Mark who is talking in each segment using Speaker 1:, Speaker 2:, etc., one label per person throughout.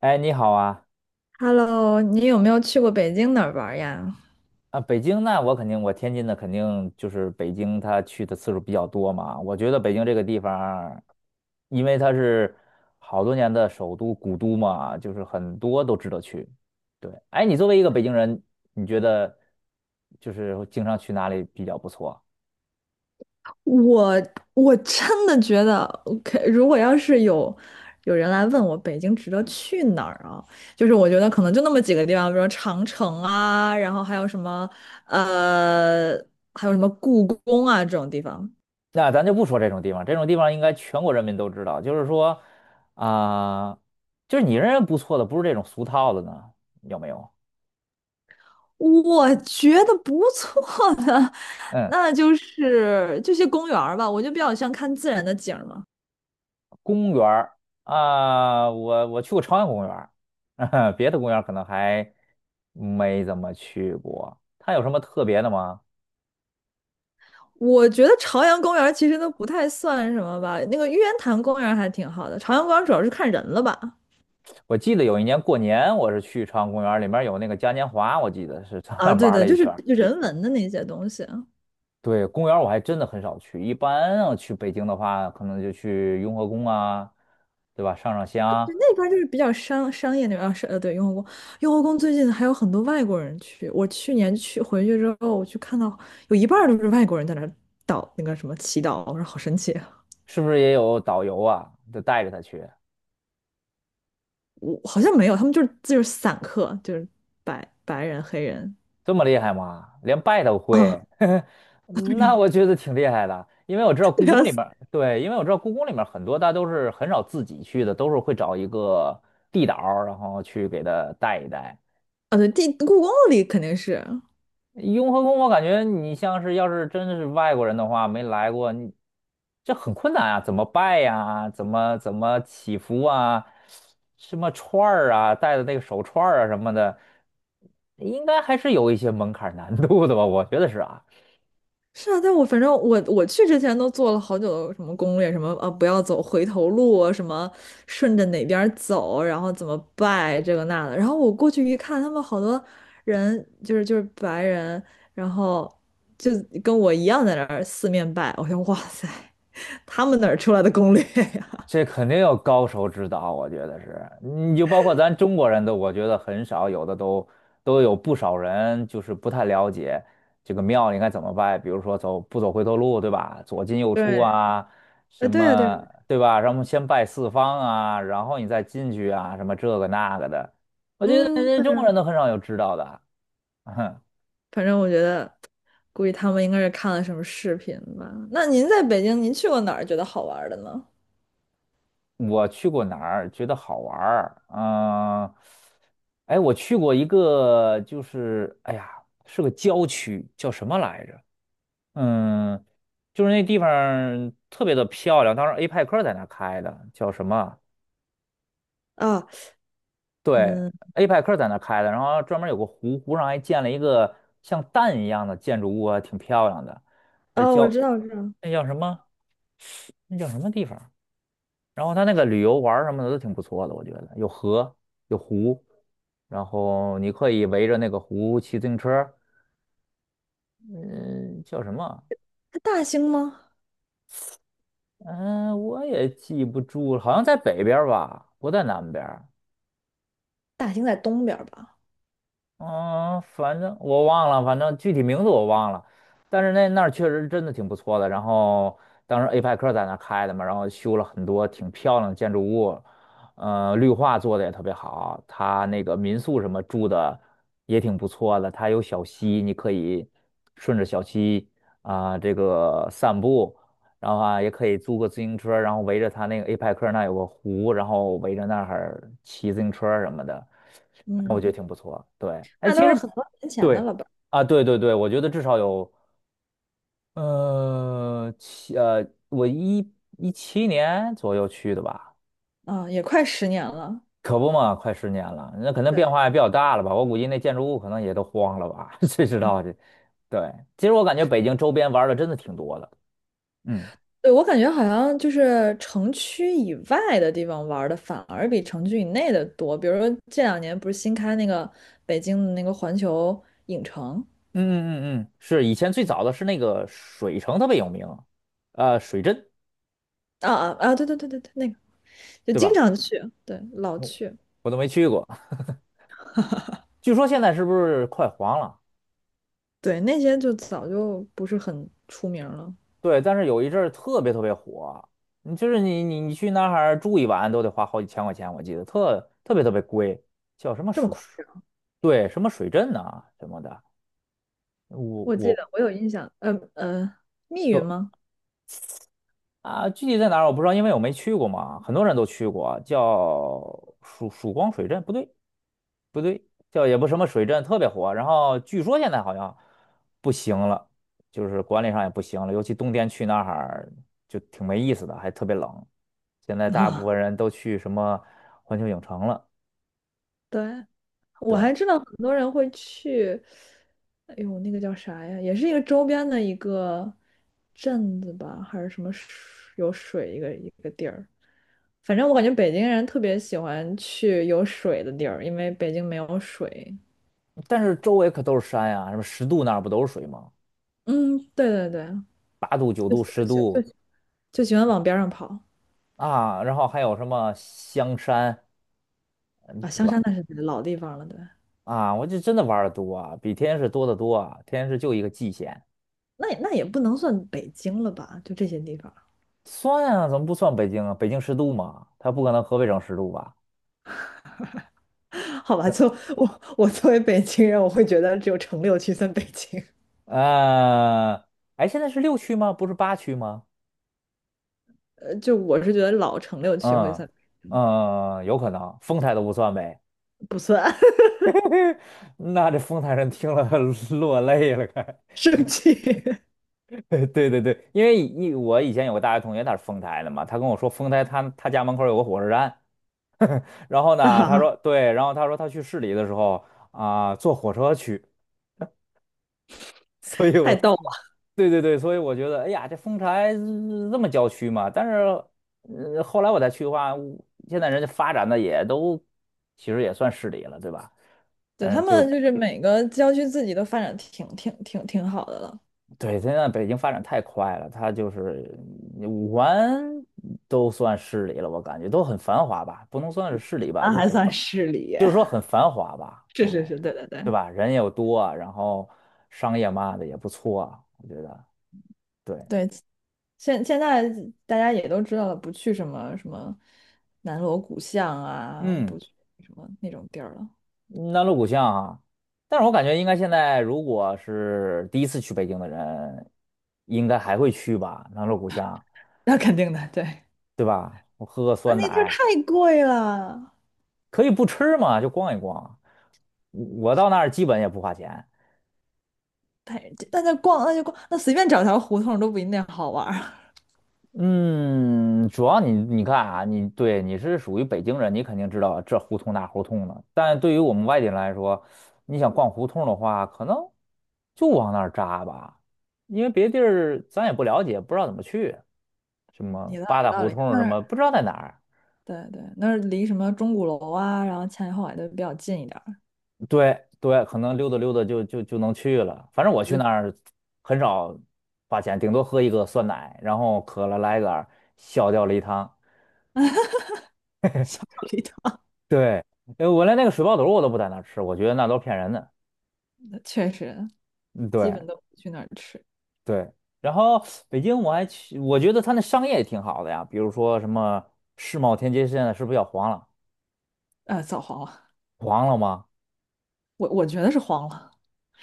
Speaker 1: 哎，你好啊！
Speaker 2: Hello,你有没有去过北京哪儿玩儿呀？
Speaker 1: 啊，北京那我肯定，我天津的肯定就是北京，他去的次数比较多嘛。我觉得北京这个地方因为它是好多年的首都古都嘛，就是很多都值得去。对，哎，你作为一个北京人，你觉得就是经常去哪里比较不错？
Speaker 2: 我我真的觉得，OK,如果要是有人来问我北京值得去哪儿啊，就是我觉得可能就那么几个地方，比如说长城啊，然后呃，还有什么故宫啊这种地方，
Speaker 1: 那咱就不说这种地方，这种地方应该全国人民都知道。就是说，啊、就是你认为不错的，不是这种俗套的呢，有没有？
Speaker 2: 我觉得不错的，
Speaker 1: 嗯。
Speaker 2: 那就是这些公园儿吧，我就比较像看自然的景儿嘛。
Speaker 1: 公园儿啊，我去过朝阳公园儿，别的公园儿可能还没怎么去过。它有什么特别的吗？
Speaker 2: 我觉得朝阳公园其实都不太算什么吧，那个玉渊潭公园还挺好的，朝阳公园主要是看人了吧？
Speaker 1: 我记得有一年过年，我是去朝阳公园儿，里面有那个嘉年华，我记得是上那
Speaker 2: 啊，
Speaker 1: 儿
Speaker 2: 对
Speaker 1: 玩儿
Speaker 2: 对，
Speaker 1: 了一
Speaker 2: 就是
Speaker 1: 圈儿。
Speaker 2: 就人文的那些东西啊，
Speaker 1: 对，公园儿我还真的很少去，一般要去北京的话，可能就去雍和宫啊，对吧？上上香，
Speaker 2: 那边就是比较商业那边啊对，雍和宫，雍和宫最近还有很多外国人去，我去年去回去之后，我去看到有一半儿都是外国人在那儿祷那个什么祈祷，我说好神奇啊。
Speaker 1: 是不是也有导游啊，就带着他去？
Speaker 2: 我好像没有，他们就是散客，就是白人黑人，
Speaker 1: 这么厉害吗？连拜都
Speaker 2: 啊。
Speaker 1: 会，
Speaker 2: 对
Speaker 1: 那
Speaker 2: 呀，
Speaker 1: 我觉得挺厉害的。因为我知道
Speaker 2: 对
Speaker 1: 故
Speaker 2: 呀，
Speaker 1: 宫里面。对，因为我知道故宫里面很多，大都是很少自己去的，都是会找一个地导儿然后去给他带一带。
Speaker 2: 啊，对，故宫里肯定是。
Speaker 1: 雍和宫，我感觉你像是要是真的是外国人的话，没来过，你这很困难啊，怎么拜呀、怎么祈福啊？什么串儿啊，戴的那个手串儿啊什么的，应该还是有一些门槛难度的吧？我觉得是啊。
Speaker 2: 是啊，但我反正我去之前都做了好久的什么攻略，什么不要走回头路啊，什么顺着哪边儿走，然后怎么拜这个那的。然后我过去一看，他们好多人就是白人，然后就跟我一样在那儿四面拜。我想哇塞，他们哪儿出来的攻略呀？
Speaker 1: 这肯定有高手指导，我觉得是，你就包括咱中国人都，我觉得很少，有的都有不少人就是不太了解这个庙应该怎么拜，比如说走不走回头路，对吧？左进 右出
Speaker 2: 对，
Speaker 1: 啊，
Speaker 2: 呃
Speaker 1: 什
Speaker 2: 对呀、啊、对啊，
Speaker 1: 么对吧？然后先拜四方啊，然后你再进去啊，什么这个那个的，我觉得
Speaker 2: 嗯
Speaker 1: 人
Speaker 2: 对
Speaker 1: 家中国人
Speaker 2: 呀、
Speaker 1: 都很少有知道的。
Speaker 2: 反正我觉得估计他们应该是看了什么视频吧。那您在北京，您去过哪儿觉得好玩儿的呢？
Speaker 1: 我去过哪儿觉得好玩儿？嗯、哎，我去过一个，就是哎呀，是个郊区，叫什么来着？嗯，就是那地方儿特别的漂亮，当时 A 派克在那儿开的，叫什么？
Speaker 2: 啊，
Speaker 1: 对
Speaker 2: 嗯。
Speaker 1: ，A 派克在那儿开的，然后专门有个湖，湖上还建了一个像蛋一样的建筑物啊，挺漂亮的。而
Speaker 2: 哦，我
Speaker 1: 叫
Speaker 2: 知道，我知道，
Speaker 1: 那叫什么？那叫什么地方？然后它那个旅游玩儿什么的都挺不错的，我觉得有河有湖，然后你可以围着那个湖骑自行车儿，嗯，叫什么？
Speaker 2: 它大兴吗？
Speaker 1: 嗯，我也记不住了好像在北边儿吧，不在南边儿。
Speaker 2: 大兴在东边儿吧？
Speaker 1: 嗯，反正我忘了，反正具体名字我忘了，但是那那儿确实真的挺不错的。然后当时 APEC 在那儿开的嘛，然后修了很多挺漂亮的建筑物，绿化做的也特别好。它那个民宿什么住的也挺不错的，它有小溪，你可以顺着小溪这个散步，然后啊也可以租个自行车，然后围着它那个 APEC 那儿有个湖，然后围着那儿骑自行车什么的。我觉得
Speaker 2: 嗯，
Speaker 1: 挺不错。对，哎，
Speaker 2: 那
Speaker 1: 其
Speaker 2: 都是
Speaker 1: 实
Speaker 2: 很多年前的
Speaker 1: 对
Speaker 2: 了吧？
Speaker 1: 啊，对对对，我觉得至少有呃七呃，17年左右去的吧，
Speaker 2: 啊，也快十年了。
Speaker 1: 可不嘛，快10年了，那可能变
Speaker 2: 对，
Speaker 1: 化也比较大了吧。我估计那建筑物可能也都荒了吧，谁知
Speaker 2: 嗯，
Speaker 1: 道这？对，其实我感觉北京周边玩儿的真的挺多的。嗯嗯
Speaker 2: 对，我感觉好像就是城区以外的地方玩儿的反而比城区以内的多。比如说这两年不是新开那个北京的那个环球影城。
Speaker 1: 嗯嗯嗯，是以前最早的是那个水城特别有名，水镇
Speaker 2: 啊啊啊！对对对对对，那个就
Speaker 1: 对
Speaker 2: 经
Speaker 1: 吧？
Speaker 2: 常去，对，老
Speaker 1: 我
Speaker 2: 去，
Speaker 1: 我都没去过，据说现在是不是快黄了？
Speaker 2: 对，那些就早就不是很出名儿了。
Speaker 1: 对，但是有一阵儿特别特别火，你就是你你你去那儿住一晚都得花好几千块钱，我记得特别特别贵，叫什么
Speaker 2: 这么
Speaker 1: 水
Speaker 2: 快，
Speaker 1: 水，对，什么水镇呐、什么的，我
Speaker 2: 我记
Speaker 1: 我
Speaker 2: 得我有印象，密云
Speaker 1: 对
Speaker 2: 吗？
Speaker 1: 啊，具体在哪儿我不知道，因为我没去过嘛，很多人都去过啊，叫曙光水镇，不对，不对，叫也不什么水镇特别火，然后据说现在好像不行了，就是管理上也不行了，尤其冬天去那儿就挺没意思的，还特别冷。现在 大部
Speaker 2: 啊，
Speaker 1: 分人都去什么环球影城了，
Speaker 2: 对，我
Speaker 1: 对，
Speaker 2: 还知道很多人会去，哎呦，那个叫啥呀？也是一个周边的一个镇子吧，还是什么有水一个一个地儿。反正我感觉北京人特别喜欢去有水的地儿，因为北京没有水。
Speaker 1: 但是周围可都是山呀、什么十渡那儿不都是水吗？
Speaker 2: 嗯，对对对，
Speaker 1: 8渡、九
Speaker 2: 就
Speaker 1: 渡、十
Speaker 2: 就
Speaker 1: 渡
Speaker 2: 就就就喜欢往边上跑
Speaker 1: 啊，然后还有什么香山，嗯，
Speaker 2: 啊。
Speaker 1: 对
Speaker 2: 香山
Speaker 1: 吧？
Speaker 2: 那是老地方了，对，
Speaker 1: 啊，我就真的玩的多啊，比天津市多得多啊，天津市就一个蓟县。
Speaker 2: 那也那也不能算北京了吧？就这些地方。
Speaker 1: 算啊，怎么不算北京啊？北京十度嘛，它不可能河北省十度吧？
Speaker 2: 好吧，就我作为北京人，我会觉得只有城六区算北京，
Speaker 1: 呃，哎，现在是6区吗？不是8区吗？
Speaker 2: 就我是觉得老城六区会
Speaker 1: 嗯
Speaker 2: 算，
Speaker 1: 嗯，有可能，丰台都不算呗。
Speaker 2: 不算。
Speaker 1: 那这丰台人听了 落泪了，该。
Speaker 2: 生气。
Speaker 1: 对对对，因为我以前有个大学同学，他是丰台的嘛，他跟我说丰台他家门口有个火车站，然后
Speaker 2: 啊，
Speaker 1: 呢，他
Speaker 2: 啊
Speaker 1: 说对，然后他说他去市里的时候坐火车去，所以我
Speaker 2: 太逗了。
Speaker 1: 对对对，所以我觉得，哎呀，这丰台这么郊区嘛，但是，后来我再去的话，我现在人家发展的也都，其实也算市里了，对吧？
Speaker 2: 对，
Speaker 1: 但
Speaker 2: 他
Speaker 1: 是就是
Speaker 2: 们就是每个郊区自己都发展挺好的了，
Speaker 1: 对，现在北京发展太快了，它就是嗯5环都算市里了，我感觉都很繁华吧，不能算是市里吧，
Speaker 2: 那
Speaker 1: 就
Speaker 2: 还
Speaker 1: 很
Speaker 2: 算
Speaker 1: 繁，
Speaker 2: 市里。
Speaker 1: 就是说 很繁华吧，
Speaker 2: 是
Speaker 1: 应该
Speaker 2: 是是，
Speaker 1: 是，
Speaker 2: 对对对。
Speaker 1: 对吧？人又多啊，然后商业嘛的也不错啊，我觉得，对，
Speaker 2: 对，现现在大家也都知道了，不去什么什么南锣鼓巷啊，
Speaker 1: 嗯。
Speaker 2: 不去什么那种地儿了，
Speaker 1: 南锣鼓巷啊，但是我感觉应该现在如果是第一次去北京的人，应该还会去吧，南锣鼓巷，
Speaker 2: 那肯定的，对，
Speaker 1: 对吧？我喝个
Speaker 2: 那
Speaker 1: 酸
Speaker 2: 那地儿
Speaker 1: 奶，
Speaker 2: 太贵了。
Speaker 1: 可以不吃嘛，就逛一逛。我到那儿基本也不花钱。
Speaker 2: 太，那就逛，那就逛，那随便找条胡同都不一定好玩儿。
Speaker 1: 嗯，主要你你看啊，你对你是属于北京人，你肯定知道这胡同那胡同的。但对于我们外地人来说，你想逛胡同的话，可能就往那儿扎吧，因为别地儿咱也不了解，不知道怎么去。什 么
Speaker 2: 你倒
Speaker 1: 八
Speaker 2: 有
Speaker 1: 大
Speaker 2: 道
Speaker 1: 胡
Speaker 2: 理，
Speaker 1: 同什
Speaker 2: 那儿
Speaker 1: 么，不知道在哪儿。
Speaker 2: 对对，那儿离什么钟鼓楼啊，然后前海后海都比较近一点儿，
Speaker 1: 对对，可能溜达溜达就能去了。反正我去
Speaker 2: 也就
Speaker 1: 那儿很少花钱，顶多喝一个酸奶，然后渴了来一杆儿小吊梨汤。
Speaker 2: 离它。
Speaker 1: 对，我连那个水爆肚我都不在那儿吃，我觉得那都是骗人的。
Speaker 2: 确实
Speaker 1: 嗯
Speaker 2: 基
Speaker 1: 对
Speaker 2: 本都不去那儿吃。
Speaker 1: 对，然后北京我还去，我觉得它那商业也挺好的呀，比如说什么世贸天阶现在是不是要黄了？
Speaker 2: 呃，早黄了，
Speaker 1: 黄了吗？
Speaker 2: 我我觉得是黄了，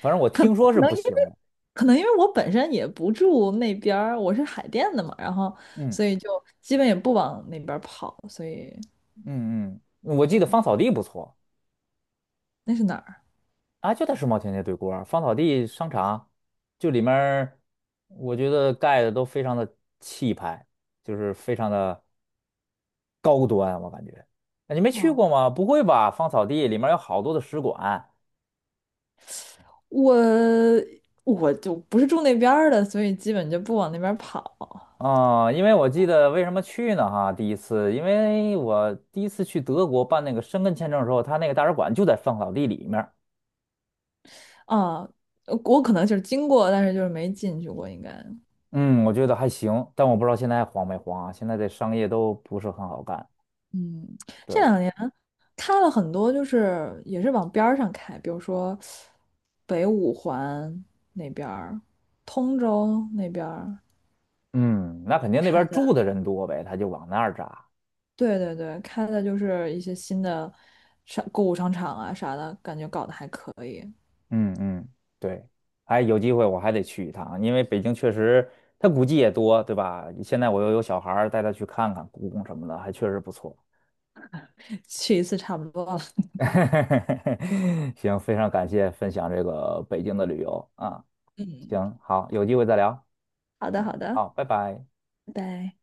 Speaker 1: 反正我
Speaker 2: 可能
Speaker 1: 听说
Speaker 2: 可
Speaker 1: 是
Speaker 2: 能
Speaker 1: 不
Speaker 2: 因为
Speaker 1: 行了。
Speaker 2: 可能因为我本身也不住那边儿，我是海淀的嘛，然后
Speaker 1: 嗯
Speaker 2: 所以就基本也不往那边儿跑，所以
Speaker 1: 嗯嗯，我记得
Speaker 2: 对，
Speaker 1: 芳草地不错。
Speaker 2: 那是哪儿
Speaker 1: 啊，就在世贸天阶对过儿啊，芳草地商场，就里面儿，我觉得盖的都非常的气派，就是非常的高端，我感觉。啊你没
Speaker 2: 啊？
Speaker 1: 去
Speaker 2: 哦
Speaker 1: 过吗？不会吧？芳草地里面有好多的使馆
Speaker 2: 我我就不是住那边儿的，所以基本就不往那边儿跑
Speaker 1: 啊，因为我记得为什么去呢？哈，第一次，因为我第一次去德国办那个申根签证的时候，他那个大使馆就在芳草地里面儿。
Speaker 2: 啊。我可能就是经过，但是就是没进去过，应该。
Speaker 1: 嗯，我觉得还行，但我不知道现在还黄没黄啊？现在这商业都不是很好干。
Speaker 2: 嗯，这
Speaker 1: 对。
Speaker 2: 两年开了很多，就是也是往边儿上开，比如说北五环那边儿、通州那边儿
Speaker 1: 嗯，那肯定那
Speaker 2: 开
Speaker 1: 边住
Speaker 2: 的，
Speaker 1: 的人多呗，他就往那儿扎。
Speaker 2: 对对对，开的就是一些新的购物商场啊啥的，感觉搞得还可以，
Speaker 1: 嗯嗯，对，哎，有机会我还得去一趟，因为北京确实它古迹也多，对吧？现在我又有小孩儿，带他去看看故宫什么的，还确实不错。
Speaker 2: 去一次差不多了。
Speaker 1: 行，非常感谢分享这个北京的旅游啊，
Speaker 2: 嗯，
Speaker 1: 行，好，有机会再聊，
Speaker 2: 好的好的，
Speaker 1: 好，拜拜。
Speaker 2: 拜拜。